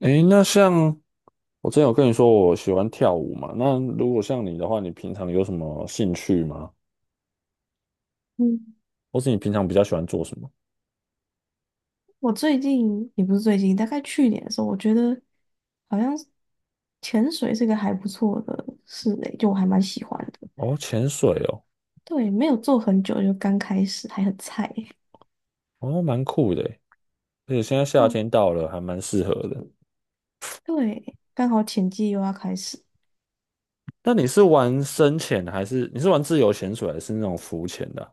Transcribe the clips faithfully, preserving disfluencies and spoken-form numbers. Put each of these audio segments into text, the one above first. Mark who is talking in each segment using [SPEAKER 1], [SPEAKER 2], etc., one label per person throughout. [SPEAKER 1] 诶，那像我之前有跟你说我喜欢跳舞嘛，那如果像你的话，你平常有什么兴趣吗？
[SPEAKER 2] 嗯，
[SPEAKER 1] 或是你平常比较喜欢做什么？
[SPEAKER 2] 我最近也不是最近，大概去年的时候，我觉得好像是潜水是个还不错的事诶，就我还蛮喜欢的。
[SPEAKER 1] 哦，潜水哦，
[SPEAKER 2] 对，没有做很久，就刚开始，还很菜。
[SPEAKER 1] 哦，蛮酷的诶，而且现在夏
[SPEAKER 2] 嗯，
[SPEAKER 1] 天到了，还蛮适合的。
[SPEAKER 2] 对，刚好潜季又要开始。
[SPEAKER 1] 那你是玩深潜还是你是玩自由潜水还是那种浮潜的啊？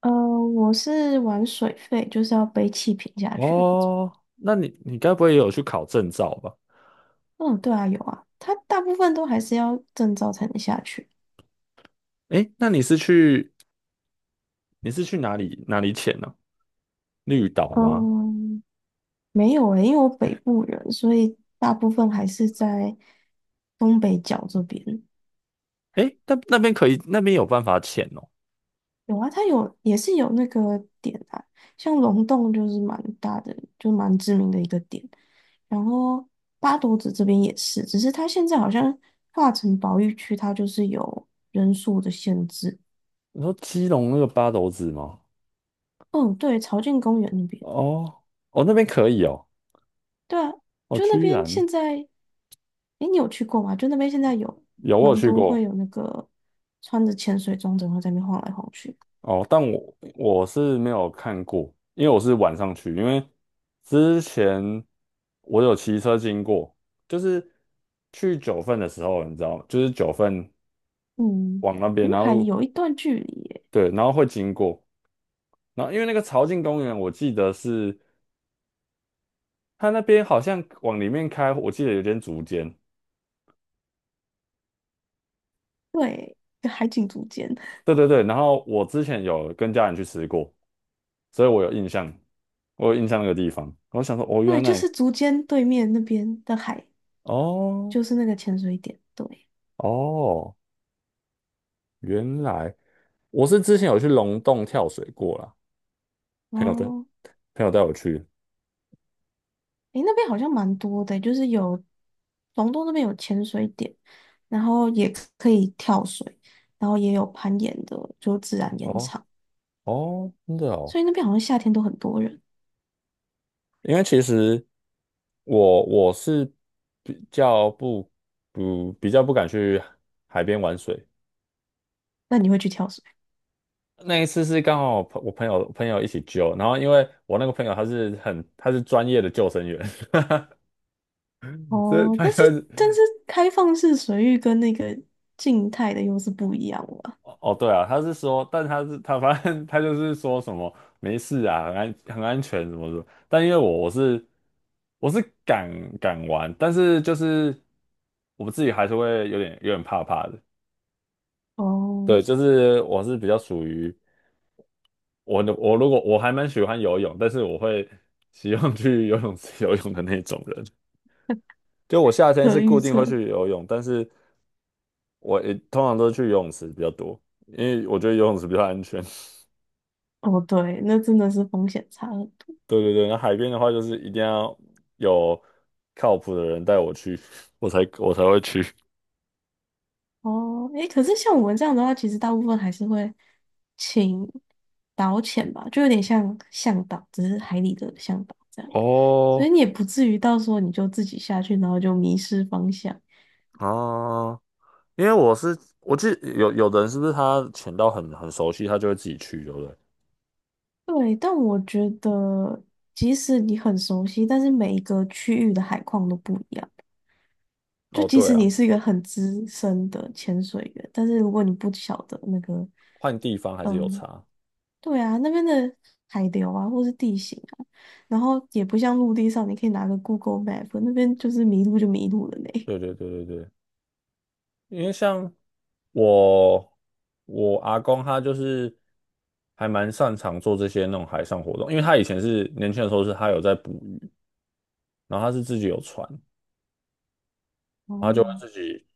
[SPEAKER 2] 呃，我是玩水肺，就是要背气瓶下去的那种。
[SPEAKER 1] 哦，那你你该不会也有去考证照吧？
[SPEAKER 2] 嗯，对啊，有啊，它大部分都还是要证照才能下去。
[SPEAKER 1] 诶，那你是去你是去哪里哪里潜呢、绿岛吗？
[SPEAKER 2] 嗯，没有诶，因为我北部人，所以大部分还是在东北角这边。
[SPEAKER 1] 诶，那那边可以，那边有办法潜哦。
[SPEAKER 2] 有啊，它有也是有那个点啊，像龙洞就是蛮大的，就蛮知名的一个点。然后八斗子这边也是，只是它现在好像划成保育区，它就是有人数的限制。
[SPEAKER 1] 你说基隆那个八斗子吗？
[SPEAKER 2] 嗯，对，朝境公园那边。
[SPEAKER 1] 哦，哦，那边可以哦，
[SPEAKER 2] 对啊，
[SPEAKER 1] 哦，
[SPEAKER 2] 就那
[SPEAKER 1] 居
[SPEAKER 2] 边
[SPEAKER 1] 然
[SPEAKER 2] 现在，诶，你有去过吗？就那边现在有
[SPEAKER 1] 有，我有
[SPEAKER 2] 蛮
[SPEAKER 1] 去
[SPEAKER 2] 多会
[SPEAKER 1] 过。
[SPEAKER 2] 有那个穿着潜水装，整个在那边晃来晃去。
[SPEAKER 1] 哦，但我我是没有看过，因为我是晚上去，因为之前我有骑车经过，就是去九份的时候，你知道吗？就是九份
[SPEAKER 2] 嗯，
[SPEAKER 1] 往那边，
[SPEAKER 2] 云
[SPEAKER 1] 然
[SPEAKER 2] 还
[SPEAKER 1] 后
[SPEAKER 2] 有一段距离耶。
[SPEAKER 1] 对，然后会经过，然后因为那个潮境公园，我记得是它那边好像往里面开，我记得有点竹间，
[SPEAKER 2] 对，跟海景竹间。
[SPEAKER 1] 对对对，然后我之前有跟家人去吃过。所以我有印象，我有印象那个地方。我想说，哦，原
[SPEAKER 2] 对，就
[SPEAKER 1] 来，
[SPEAKER 2] 是竹间对面那边的海，
[SPEAKER 1] 哦，
[SPEAKER 2] 就是那个潜水点。对。
[SPEAKER 1] 哦，原来我是之前有去龙洞跳水过啦，朋友带
[SPEAKER 2] 哦，
[SPEAKER 1] 朋友带我去。
[SPEAKER 2] 诶，那边好像蛮多的，就是有龙洞那边有潜水点，然后也可以跳水，然后也有攀岩的，就自然岩
[SPEAKER 1] 哦，
[SPEAKER 2] 场，
[SPEAKER 1] 哦，真的哦，
[SPEAKER 2] 所以那边好像夏天都很多人。
[SPEAKER 1] 因为其实我我是比较不不比较不敢去海边玩水。
[SPEAKER 2] 那你会去跳水？
[SPEAKER 1] 那一次是刚好朋我朋友朋友一起救，然后因为我那个朋友他是很他是专业的救生员，所以
[SPEAKER 2] 哦，
[SPEAKER 1] 他
[SPEAKER 2] 但是
[SPEAKER 1] 就，
[SPEAKER 2] 但是开放式水域跟那个静态的又是不一样了。
[SPEAKER 1] 哦，对啊，他是说，但他是他反正他就是说什么没事啊，很安很安全什么什么。但因为我我是我是敢敢玩，但是就是我自己还是会有点有点怕怕的。
[SPEAKER 2] 哦，
[SPEAKER 1] 对，就是我是比较属于，我我如果我还蛮喜欢游泳，但是我会 喜欢去游泳池游泳的那种人。就我夏天
[SPEAKER 2] 可
[SPEAKER 1] 是
[SPEAKER 2] 预
[SPEAKER 1] 固定会
[SPEAKER 2] 测。
[SPEAKER 1] 去游泳，但是我也通常都是去游泳池比较多，因为我觉得游泳池比较安全。
[SPEAKER 2] 哦，对，那真的是风险差很多。
[SPEAKER 1] 对对对，那海边的话就是一定要有靠谱的人带我去，我才我才会去。
[SPEAKER 2] 哦。诶，可是像我们这样的话，其实大部分还是会请导潜吧，就有点像向导，只是海里的向导这样。所以
[SPEAKER 1] 哦，
[SPEAKER 2] 你也不至于到时候你就自己下去，然后就迷失方向。
[SPEAKER 1] 啊，因为我是我记得有有的人是不是他潜到很很熟悉，他就会自己去，对不对？
[SPEAKER 2] 对，但我觉得即使你很熟悉，但是每一个区域的海况都不一样。就
[SPEAKER 1] 哦，
[SPEAKER 2] 即
[SPEAKER 1] 对
[SPEAKER 2] 使你
[SPEAKER 1] 啊，
[SPEAKER 2] 是一个很资深的潜水员，但是如果你不晓得那个，
[SPEAKER 1] 换地方还是有
[SPEAKER 2] 嗯，
[SPEAKER 1] 差。
[SPEAKER 2] 对啊，那边的海流啊，或是地形啊，然后也不像陆地上，你可以拿个 Google Map，那边就是迷路就迷路了呢。
[SPEAKER 1] 对对对对对，因为像我我阿公他就是还蛮擅长做这些那种海上活动，因为他以前是年轻的时候是他有在捕鱼，然后他是自己有船，然后他
[SPEAKER 2] 哦。
[SPEAKER 1] 就会自 己。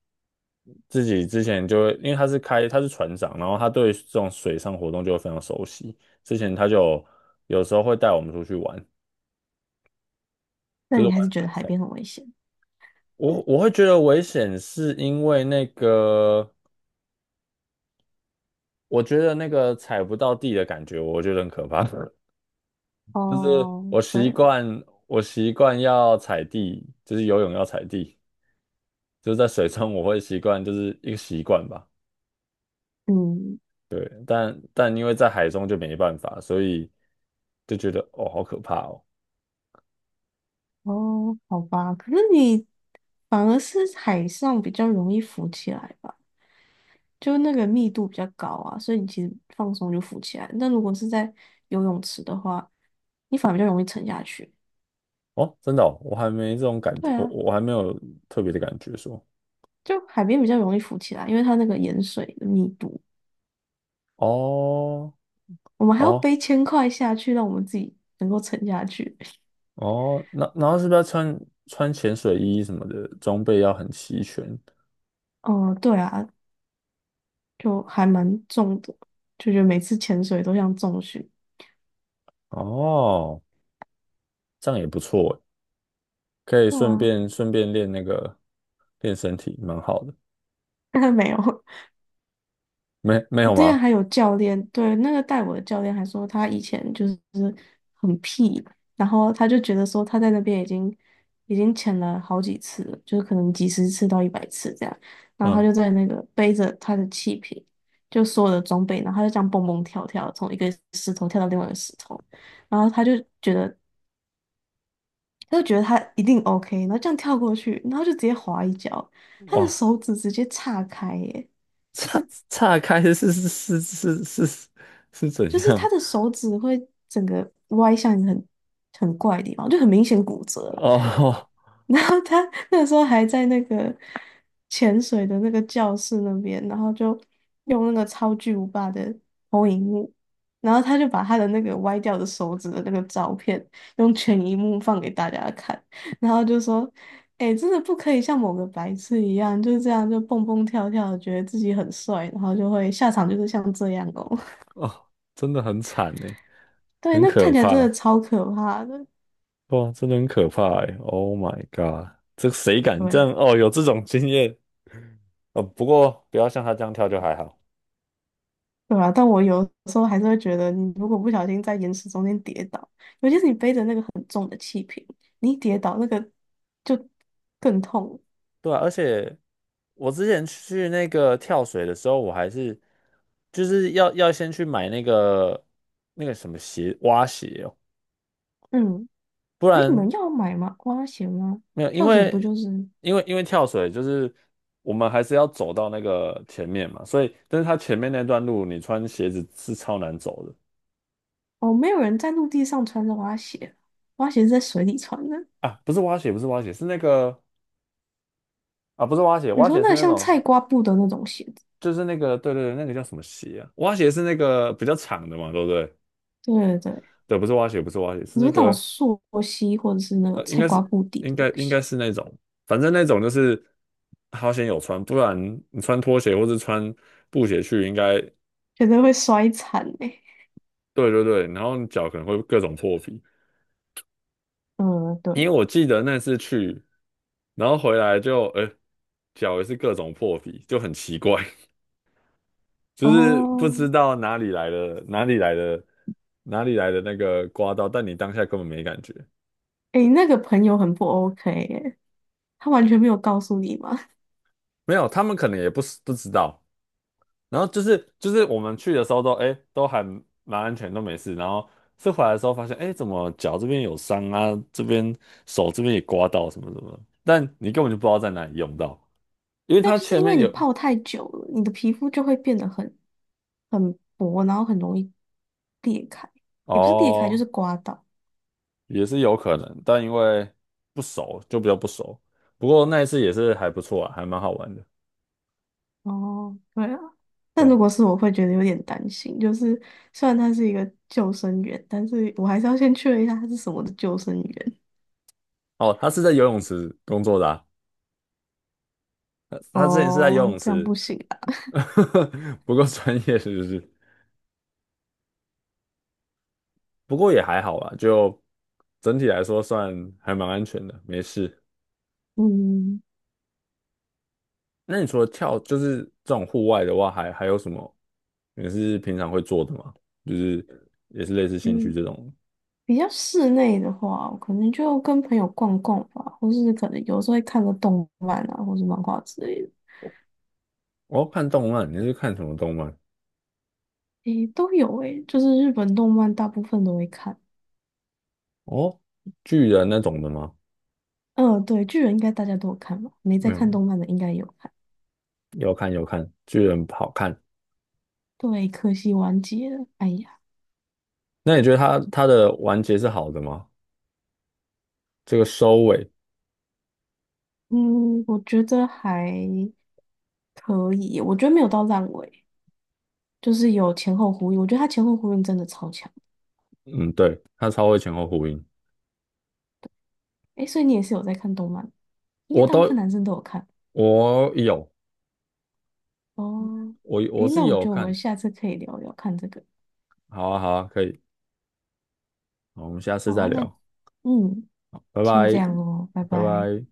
[SPEAKER 1] 自己之前就会，因为他是开他是船长，然后他对这种水上活动就会非常熟悉。之前他就有时候会带我们出去玩，
[SPEAKER 2] 那
[SPEAKER 1] 就是
[SPEAKER 2] 你
[SPEAKER 1] 玩
[SPEAKER 2] 还是觉
[SPEAKER 1] 水
[SPEAKER 2] 得海
[SPEAKER 1] 上。
[SPEAKER 2] 边很危险？
[SPEAKER 1] 我我会觉得危险，是因为那个我觉得那个踩不到地的感觉，我觉得很可怕。就是
[SPEAKER 2] 哦，
[SPEAKER 1] 我
[SPEAKER 2] 对
[SPEAKER 1] 习
[SPEAKER 2] 了。
[SPEAKER 1] 惯我习惯要踩地，就是游泳要踩地，就是在水中我会习惯，就是一个习惯吧。
[SPEAKER 2] 嗯。
[SPEAKER 1] 对，但但因为在海中就没办法，所以就觉得哦，好可怕哦。
[SPEAKER 2] 哦，好吧，可是你反而是海上比较容易浮起来吧，就那个密度比较高啊，所以你其实放松就浮起来。那如果是在游泳池的话，你反而比较容易沉下去。
[SPEAKER 1] 哦，真的哦，我还没这种感觉，
[SPEAKER 2] 对
[SPEAKER 1] 我
[SPEAKER 2] 啊，
[SPEAKER 1] 我还没有特别的感觉说，
[SPEAKER 2] 就海边比较容易浮起来，因为它那个盐水的密度。
[SPEAKER 1] 哦
[SPEAKER 2] 我们还要
[SPEAKER 1] 哦
[SPEAKER 2] 背千块下去，让我们自己能够沉下去。
[SPEAKER 1] 哦，那然后是不是要穿穿潜水衣什么的，装备要很齐全？
[SPEAKER 2] 哦、对啊，就还蛮重的，就觉得每次潜水都像重训。
[SPEAKER 1] 哦，这样也不错诶，可以
[SPEAKER 2] 对
[SPEAKER 1] 顺
[SPEAKER 2] 啊，
[SPEAKER 1] 便顺便练那个练身体，蛮好的。
[SPEAKER 2] 没有。
[SPEAKER 1] 没没
[SPEAKER 2] 我
[SPEAKER 1] 有
[SPEAKER 2] 之前
[SPEAKER 1] 吗？
[SPEAKER 2] 还有教练，对，那个带我的教练还说他以前就是很屁，然后他就觉得说他在那边已经已经潜了好几次了，就是可能几十次到一百次这样，然后他
[SPEAKER 1] 嗯，
[SPEAKER 2] 就在那个背着他的气瓶，就所有的装备，然后他就这样蹦蹦跳跳，从一个石头跳到另外一个石头，然后他就觉得他就觉得他一定 OK，然后这样跳过去，然后就直接滑一跤，他的
[SPEAKER 1] 哇，
[SPEAKER 2] 手指直接岔开耶，
[SPEAKER 1] 岔岔开是是是是是是是怎
[SPEAKER 2] 就是
[SPEAKER 1] 样？
[SPEAKER 2] 他的手指会整个歪向一个很很怪的地方，就很明显骨折了。
[SPEAKER 1] 哦
[SPEAKER 2] 然后他那时候还在那个潜水的那个教室那边，然后就用那个超巨无霸的投影幕，然后他就把他的那个歪掉的手指的那个照片用全荧幕放给大家看，然后就说：“哎、真的不可以像某个白痴一样，就是这样就蹦蹦跳跳的，觉得自己很帅，然后就会下场就是像这样哦。”
[SPEAKER 1] 哦，真的很惨呢，
[SPEAKER 2] 对，
[SPEAKER 1] 很
[SPEAKER 2] 那
[SPEAKER 1] 可
[SPEAKER 2] 看起来真的
[SPEAKER 1] 怕。
[SPEAKER 2] 超可怕的。
[SPEAKER 1] 哇，真的很可怕哎！Oh my god，这谁敢这
[SPEAKER 2] 对。
[SPEAKER 1] 样？哦，有这种经验，呃，不过不要像他这样跳就还好。
[SPEAKER 2] 对啊，但我有时候还是会觉得，你如果不小心在岩石中间跌倒，尤其是你背着那个很重的气瓶，你一跌倒那个就更痛。
[SPEAKER 1] 对啊，而且我之前去那个跳水的时候，我还是就是要要先去买那个那个什么鞋，蛙鞋哦，
[SPEAKER 2] 嗯，
[SPEAKER 1] 不
[SPEAKER 2] 哎，你
[SPEAKER 1] 然，
[SPEAKER 2] 们要买吗？蛙鞋吗？
[SPEAKER 1] 没有，因
[SPEAKER 2] 跳水不
[SPEAKER 1] 为
[SPEAKER 2] 就是？
[SPEAKER 1] 因为因为跳水就是我们还是要走到那个前面嘛，所以但是它前面那段路你穿鞋子是超难走的，
[SPEAKER 2] 哦，没有人在陆地上穿着蛙鞋，蛙鞋是在水里穿的。
[SPEAKER 1] 啊，不是蛙鞋，不是蛙鞋，是那个。啊，不是蛙鞋，
[SPEAKER 2] 你
[SPEAKER 1] 蛙
[SPEAKER 2] 说
[SPEAKER 1] 鞋
[SPEAKER 2] 那
[SPEAKER 1] 是
[SPEAKER 2] 个
[SPEAKER 1] 那
[SPEAKER 2] 像菜
[SPEAKER 1] 种，
[SPEAKER 2] 瓜布的那种鞋子，
[SPEAKER 1] 就是那个，对对对，那个叫什么鞋啊？蛙鞋是那个比较长的嘛，对不对？
[SPEAKER 2] 对对对，
[SPEAKER 1] 对，不是蛙鞋，不是蛙鞋，是
[SPEAKER 2] 你
[SPEAKER 1] 那
[SPEAKER 2] 说那种
[SPEAKER 1] 个，
[SPEAKER 2] 溯溪或者是那个
[SPEAKER 1] 呃，应
[SPEAKER 2] 菜
[SPEAKER 1] 该
[SPEAKER 2] 瓜
[SPEAKER 1] 是
[SPEAKER 2] 布底
[SPEAKER 1] 应
[SPEAKER 2] 的东
[SPEAKER 1] 该应
[SPEAKER 2] 西，
[SPEAKER 1] 该是那种，反正那种就是好险有穿，不然你穿拖鞋或是穿布鞋去，应该，
[SPEAKER 2] 觉得会摔惨哎、欸。
[SPEAKER 1] 对对对，然后你脚可能会各种破皮。
[SPEAKER 2] 嗯，对。
[SPEAKER 1] 因为我记得那次去，然后回来就，呃，脚也是各种破皮，就很奇怪。就是不知
[SPEAKER 2] 哦，
[SPEAKER 1] 道哪里来的，哪里来的，哪里来的那个刮到，但你当下根本没感觉，
[SPEAKER 2] 诶，那个朋友很不 OK 耶，他完全没有告诉你吗？
[SPEAKER 1] 没有，他们可能也不是不知道。然后就是就是我们去的时候都哎都还蛮安全，都没事。然后是回来的时候发现，哎，怎么脚这边有伤啊，这边手这边也刮到什么什么的，但你根本就不知道在哪里用到，因为
[SPEAKER 2] 那
[SPEAKER 1] 它
[SPEAKER 2] 就是
[SPEAKER 1] 前
[SPEAKER 2] 因为
[SPEAKER 1] 面
[SPEAKER 2] 你
[SPEAKER 1] 有，
[SPEAKER 2] 泡太久了，你的皮肤就会变得很很薄，然后很容易裂开，也不是裂开，就
[SPEAKER 1] 哦，
[SPEAKER 2] 是刮到。
[SPEAKER 1] 也是有可能，但因为不熟就比较不熟。不过那一次也是还不错啊，还蛮好玩的，
[SPEAKER 2] 哦，对啊，
[SPEAKER 1] 对
[SPEAKER 2] 但如
[SPEAKER 1] 吧？
[SPEAKER 2] 果是我会觉得有点担心，就是虽然他是一个救生员，但是我还是要先确认一下他是什么的救生员。
[SPEAKER 1] 哦，他是在游泳池工作的啊，他他之前是在游
[SPEAKER 2] 哦，
[SPEAKER 1] 泳
[SPEAKER 2] 这样
[SPEAKER 1] 池，
[SPEAKER 2] 不行啊。
[SPEAKER 1] 不够专业是不是？不过也还好啦，就整体来说算还蛮安全的，没事。
[SPEAKER 2] 嗯。
[SPEAKER 1] 那你除了跳，就是这种户外的话，还还有什么你是平常会做的吗？就是也是类似兴趣
[SPEAKER 2] 嗯，
[SPEAKER 1] 这种。
[SPEAKER 2] 比较室内的话，我可能就跟朋友逛逛吧，或是可能有时候会看个动漫啊，或是漫画之类的。
[SPEAKER 1] 哦，看动漫，你是看什么动漫？
[SPEAKER 2] 诶，都有诶，就是日本动漫大部分都会看。
[SPEAKER 1] 哦，巨人那种的吗？
[SPEAKER 2] 嗯、对，巨人应该大家都有看吧，没在看
[SPEAKER 1] 嗯，
[SPEAKER 2] 动漫的应该也有看。
[SPEAKER 1] 要看要看，巨人好看。
[SPEAKER 2] 对，可惜完结了，哎呀。
[SPEAKER 1] 那你觉得它它的完结是好的吗？这个收尾。
[SPEAKER 2] 嗯，我觉得还可以，我觉得没有到烂尾，就是有前后呼应，我觉得他前后呼应真的超强。
[SPEAKER 1] 嗯，对，他超会前后呼应，
[SPEAKER 2] 诶，所以你也是有在看动漫，应该
[SPEAKER 1] 我
[SPEAKER 2] 大部分
[SPEAKER 1] 都，
[SPEAKER 2] 男生都有看。
[SPEAKER 1] 我有，
[SPEAKER 2] 哦，
[SPEAKER 1] 我我
[SPEAKER 2] 诶，
[SPEAKER 1] 是
[SPEAKER 2] 那我
[SPEAKER 1] 有
[SPEAKER 2] 觉得我们
[SPEAKER 1] 看，
[SPEAKER 2] 下次可以聊聊看这个。
[SPEAKER 1] 好啊，好啊，可以，好，我们下次
[SPEAKER 2] 好
[SPEAKER 1] 再
[SPEAKER 2] 啊，那
[SPEAKER 1] 聊，
[SPEAKER 2] 嗯，
[SPEAKER 1] 拜
[SPEAKER 2] 先这
[SPEAKER 1] 拜，
[SPEAKER 2] 样哦，拜
[SPEAKER 1] 拜
[SPEAKER 2] 拜。
[SPEAKER 1] 拜。